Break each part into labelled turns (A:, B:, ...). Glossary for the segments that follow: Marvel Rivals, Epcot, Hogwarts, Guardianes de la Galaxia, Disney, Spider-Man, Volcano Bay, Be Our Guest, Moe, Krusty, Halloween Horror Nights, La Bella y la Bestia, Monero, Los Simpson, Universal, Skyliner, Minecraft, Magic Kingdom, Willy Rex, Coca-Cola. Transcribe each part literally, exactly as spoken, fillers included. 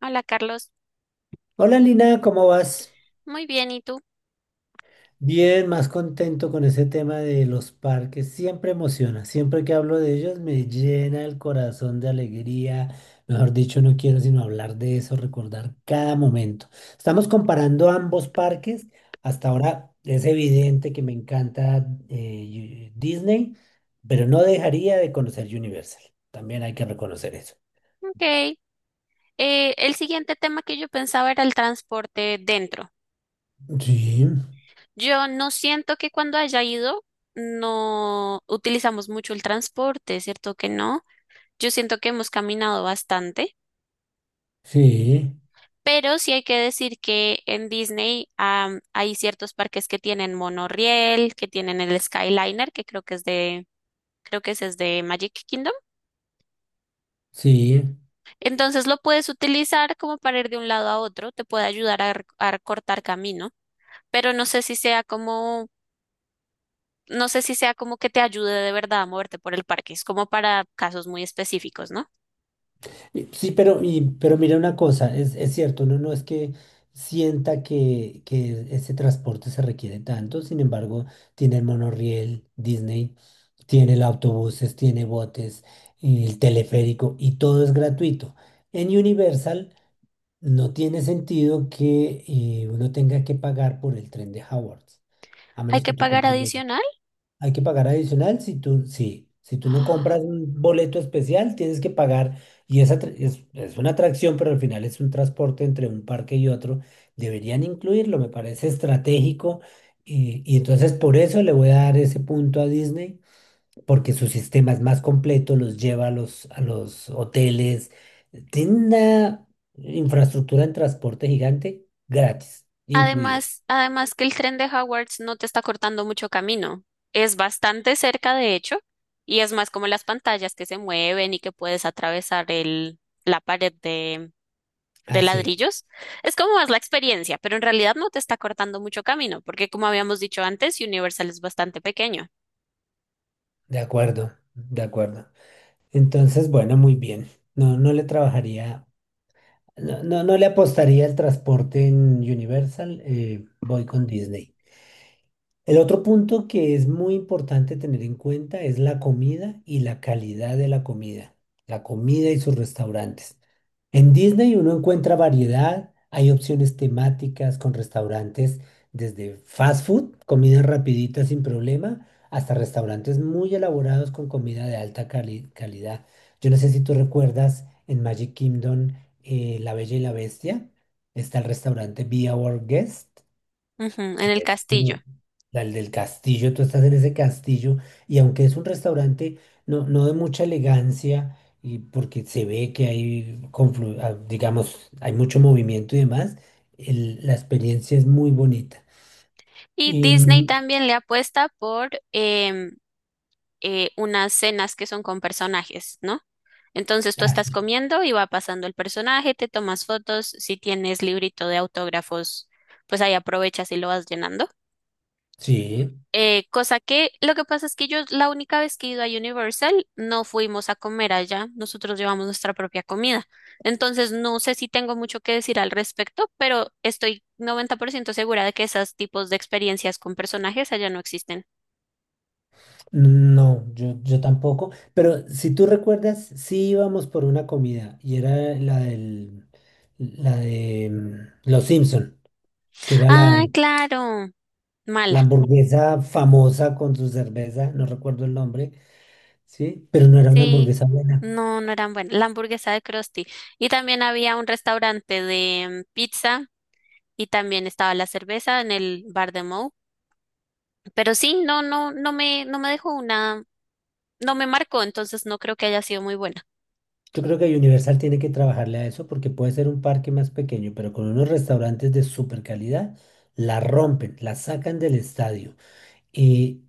A: Hola Carlos,
B: Hola Lina, ¿cómo vas?
A: muy bien, ¿y tú?
B: Bien, más contento con ese tema de los parques. Siempre emociona, siempre que hablo de ellos me llena el corazón de alegría. Mejor dicho, no quiero sino hablar de eso, recordar cada momento. Estamos comparando ambos parques. Hasta ahora es evidente que me encanta eh, Yu- Disney, pero no dejaría de conocer Universal. También hay que reconocer eso.
A: Ok. Eh, el siguiente tema que yo pensaba era el transporte dentro.
B: Sí,
A: Yo no siento que cuando haya ido no utilizamos mucho el transporte, ¿cierto que no? Yo siento que hemos caminado bastante,
B: sí,
A: pero sí hay que decir que en Disney am, hay ciertos parques que tienen monorriel, que tienen el Skyliner, que creo que es de, creo que ese es de Magic Kingdom.
B: sí.
A: Entonces lo puedes utilizar como para ir de un lado a otro, te puede ayudar a, rec- a cortar camino. Pero no sé si sea como, no sé si sea como que te ayude de verdad a moverte por el parque. Es como para casos muy específicos, ¿no?
B: Y- Sí, pero, y- pero mira una cosa, es, es cierto, uno no es que sienta que, que ese transporte se requiere tanto, sin embargo, tiene el monorriel Disney, tiene el autobuses, tiene botes, y el teleférico y todo es gratuito. En Universal no tiene sentido que eh, uno tenga que pagar por el tren de Hogwarts, a
A: Hay
B: menos que
A: que
B: tú
A: pagar
B: compres.
A: adicional.
B: Hay que pagar adicional si tú, sí, si tú no compras
A: ¡Ah!
B: un boleto especial, tienes que pagar. Y esa tra- es, es una atracción, pero al final es un transporte entre un parque y otro. Deberían incluirlo, me parece estratégico. Y, y entonces por eso le voy a dar ese punto a Disney, porque su sistema es más completo, los lleva a los, a los hoteles. Tiene una infraestructura en transporte gigante gratis, incluida.
A: Además, además que el tren de Hogwarts no te está cortando mucho camino. Es bastante cerca, de hecho, y es más como las pantallas que se mueven y que puedes atravesar el, la pared de, de
B: Ah, sí,
A: ladrillos. Es como más la experiencia, pero en realidad no te está cortando mucho camino, porque como habíamos dicho antes, Universal es bastante pequeño.
B: de acuerdo, de acuerdo. Entonces, bueno, muy bien. No, no le trabajaría, no, no, no le apostaría el transporte en Universal. Eh, voy con Disney. El otro punto que es muy importante tener en cuenta es la comida y la calidad de la comida, la comida y sus restaurantes. En Disney uno encuentra variedad, hay opciones temáticas con restaurantes desde fast food, comida rapidita sin problema, hasta restaurantes muy elaborados con comida de alta cali- calidad. Yo no sé si tú recuerdas en Magic Kingdom eh, La Bella y la Bestia, está el restaurante Be Our Guest,
A: Ujú, en
B: que
A: el
B: es
A: castillo.
B: al del castillo, tú estás en ese castillo y aunque es un restaurante no, no de mucha elegancia y porque se ve que hay, conflu- ah, digamos, hay mucho movimiento y demás, el- la experiencia es muy bonita.
A: Y
B: Y,
A: Disney
B: mm,
A: también le apuesta por em, eh, unas cenas que son con personajes, ¿no? Entonces tú
B: ah,
A: estás
B: sí,
A: comiendo y va pasando el personaje, te tomas fotos, si tienes librito de autógrafos, pues ahí aprovechas y lo vas llenando.
B: sí,
A: Eh, cosa que lo que pasa es que yo la única vez que he ido a Universal no fuimos a comer allá, nosotros llevamos nuestra propia comida. Entonces no sé si tengo mucho que decir al respecto, pero estoy noventa por ciento segura de que esos tipos de experiencias con personajes allá no existen.
B: no, yo, yo tampoco, pero si tú recuerdas, sí íbamos por una comida y era la del, la de mm, Los Simpson, que era la...
A: Ah, claro,
B: La
A: mala,
B: hamburguesa famosa con su cerveza, no recuerdo el nombre, ¿sí? Pero no era una
A: sí,
B: hamburguesa buena.
A: no, no eran buenas. La hamburguesa de Krusty. Y también había un restaurante de mm, pizza y también estaba la cerveza en el bar de Moe. Pero sí, no, no, no me, no me dejó una, no me marcó, entonces no creo que haya sido muy buena.
B: Yo creo que Universal tiene que trabajarle a eso porque puede ser un parque más pequeño, pero con unos restaurantes de super calidad, la rompen, la sacan del estadio. Y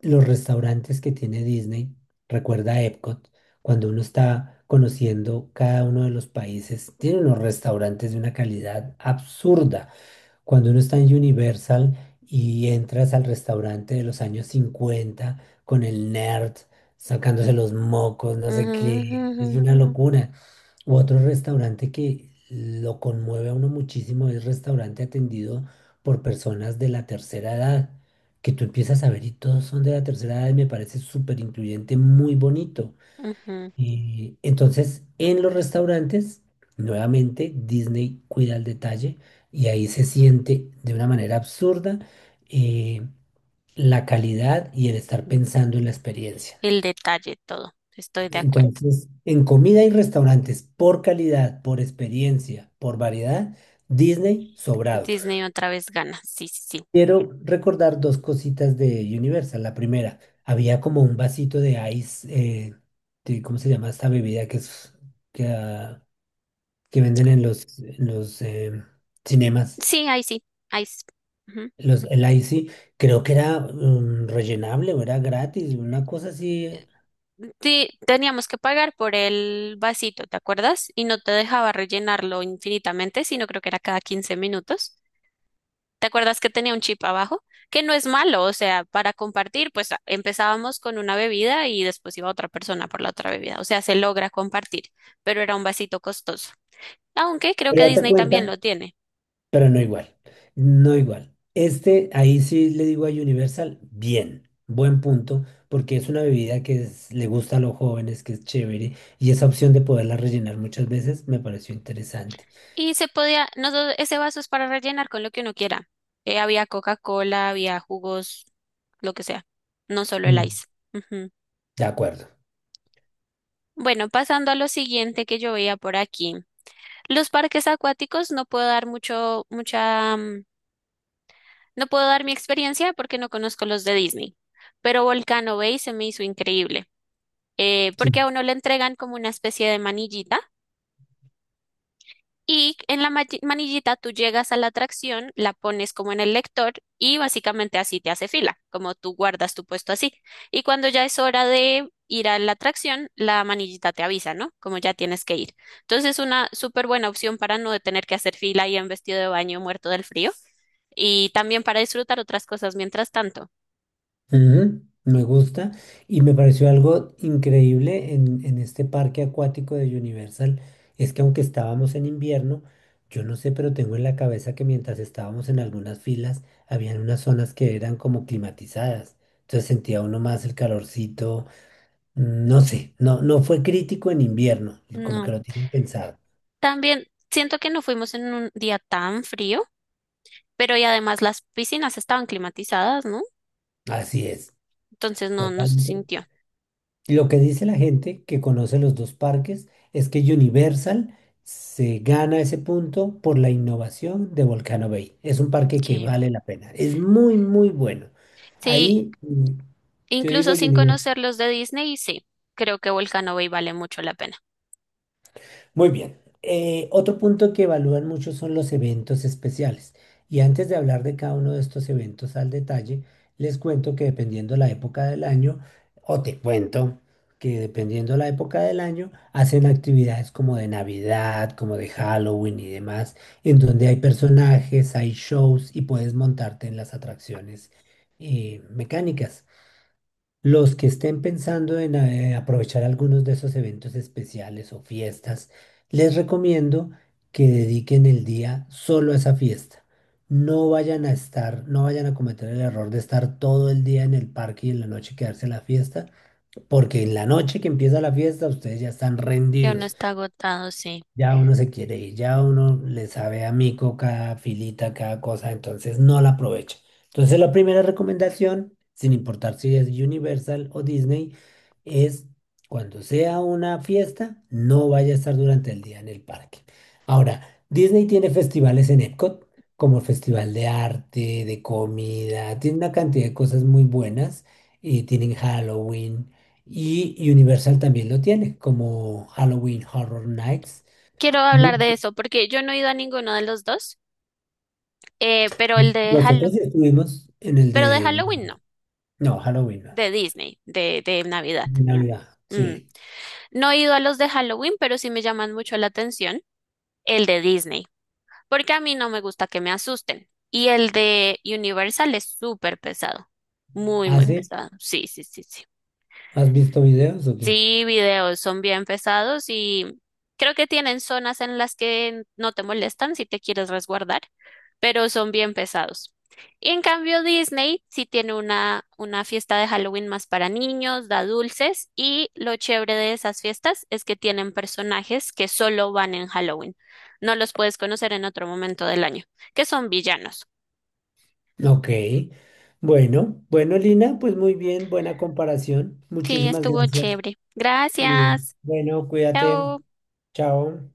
B: los restaurantes que tiene Disney, recuerda Epcot, cuando uno está conociendo cada uno de los países, tiene unos restaurantes de una calidad absurda. Cuando uno está en Universal y entras al restaurante de los años cincuenta con el nerd sacándose los mocos, no sé qué, es
A: Ujú,
B: una locura. U otro restaurante que lo conmueve a uno muchísimo es restaurante atendido por personas de la tercera edad, que tú empiezas a ver y todos son de la tercera edad y me parece súper incluyente, muy bonito.
A: ujú,
B: Y entonces, en los restaurantes, nuevamente Disney cuida el detalle y ahí se siente de una manera absurda eh, la calidad y el estar
A: ujú.
B: pensando en la experiencia.
A: El detalle, todo, estoy de acuerdo.
B: Entonces, en comida y restaurantes, por calidad, por experiencia, por variedad, Disney sobrado.
A: Disney otra vez gana, sí, sí, sí.
B: Quiero recordar dos cositas de Universal. La primera, había como un vasito de ice, eh, de- ¿cómo se llama esta bebida que es... que, ah, que venden en los, en los em, cinemas,
A: Sí, ahí sí, ahí sí.
B: los, el I C, creo que era mm, rellenable o era gratis, una cosa así,
A: Sí, teníamos que pagar por el vasito, ¿te acuerdas? Y no te dejaba rellenarlo infinitamente, sino creo que era cada quince minutos. ¿Te acuerdas que tenía un chip abajo? Que no es malo, o sea, para compartir, pues a- empezábamos con una bebida y después iba otra persona por la otra bebida. O sea, se logra compartir, pero era un vasito costoso. Aunque creo
B: pero
A: que
B: date
A: Disney también
B: cuenta,
A: lo tiene.
B: pero no igual, no igual. Este, ahí sí le digo a Universal, bien, buen punto, porque es una bebida que es- le gusta a los jóvenes, que es chévere, y esa opción de poderla rellenar muchas veces me pareció interesante.
A: Y se podía, no, do- ese vaso es para rellenar con lo que uno quiera. Eh, había Coca-Cola, había jugos, lo que sea, no solo el
B: Mm,
A: ice.
B: de acuerdo.
A: Bueno, pasando a lo siguiente que yo veía por aquí. Los parques acuáticos no puedo dar mucho, mucha, mm, no puedo dar mi experiencia porque no conozco los de Disney. Pero Volcano Bay se me hizo increíble, eh, porque a uno le entregan como una especie de manillita. Y en la ma- manillita tú llegas a la atracción, la pones como en el lector y básicamente así te hace fila, como tú guardas tu puesto así. Y cuando ya es hora de ir a la atracción, la manillita te avisa, ¿no? Como ya tienes que ir. Entonces es una súper buena opción para no tener que hacer fila y en vestido de baño muerto del frío y también para disfrutar otras cosas mientras tanto.
B: Ujú, me gusta y me pareció algo increíble en, en este parque acuático de Universal, es que aunque estábamos en invierno, yo no sé, pero tengo en la cabeza que mientras estábamos en algunas filas, habían unas zonas que eran como climatizadas, entonces sentía uno más el calorcito, no sé, no, no fue crítico en invierno, como que
A: No.
B: lo tienen pensado.
A: También siento que no fuimos en un día tan frío, pero y además las piscinas estaban climatizadas, ¿no?
B: Así es,
A: Entonces no, no se
B: totalmente.
A: sintió.
B: Lo que dice la gente que conoce los dos parques es que Universal se gana ese punto por la innovación de Volcano Bay. Es un parque que
A: Ok.
B: vale la pena. Es muy, muy bueno.
A: Sí,
B: Ahí mm, yo
A: incluso
B: digo
A: sin
B: Universal.
A: conocer los de Disney, sí, creo que Volcano Bay vale mucho la pena.
B: Muy bien. Eh, otro punto que evalúan mucho son los eventos especiales. Y antes de hablar de cada uno de estos eventos al detalle, les cuento que dependiendo la época del año, o te cuento que dependiendo la época del año, hacen actividades como de Navidad, como de Halloween y demás, en donde hay personajes, hay shows y puedes montarte en las atracciones eh, mecánicas. Los que estén pensando en eh, aprovechar algunos de esos eventos especiales o fiestas, les recomiendo que dediquen el día solo a esa fiesta. No vayan a estar, no vayan a cometer el error de estar todo el día en el parque y en la noche quedarse en la fiesta, porque en la noche que empieza la fiesta ustedes ya están
A: Ya uno
B: rendidos.
A: está agotado, sí.
B: Ya uno se quiere ir, ya uno le sabe a mico cada filita, cada cosa, entonces no la aprovecha. Entonces la primera recomendación, sin importar si es Universal o Disney, es cuando sea una fiesta, no vaya a estar durante el día en el parque. Ahora, Disney tiene festivales en Epcot, como el Festival de Arte, de Comida, tiene una cantidad de cosas muy buenas, y tienen Halloween, y Universal también lo tiene, como Halloween Horror Nights.
A: Quiero hablar
B: Muy-
A: de eso porque yo no he ido a ninguno de los dos, eh, pero el de
B: Nosotros
A: Halloween,
B: sí estuvimos en el
A: pero de
B: de...
A: Halloween no,
B: No, Halloween, no.
A: de Disney, de, de Navidad.
B: De Navidad,
A: Mm.
B: sí.
A: No he ido a los de Halloween, pero sí me llaman mucho la atención el de Disney, porque a mí no me gusta que me asusten. Y el de Universal es súper pesado, muy, muy
B: ¿Hace?
A: pesado. Sí, sí, sí, sí.
B: ¿Has visto videos o qué?
A: Sí, videos son bien pesados y creo que tienen zonas en las que no te molestan si te quieres resguardar, pero son bien pesados. Y en cambio Disney sí tiene una, una fiesta de Halloween más para niños, da dulces y lo chévere de esas fiestas es que tienen personajes que solo van en Halloween. No los puedes conocer en otro momento del año, que son villanos.
B: Ok. Bueno, bueno, Lina, pues muy bien, buena comparación.
A: Sí,
B: Muchísimas
A: estuvo
B: gracias.
A: chévere.
B: Sí.
A: Gracias.
B: Bueno, cuídate.
A: Chao.
B: Chao.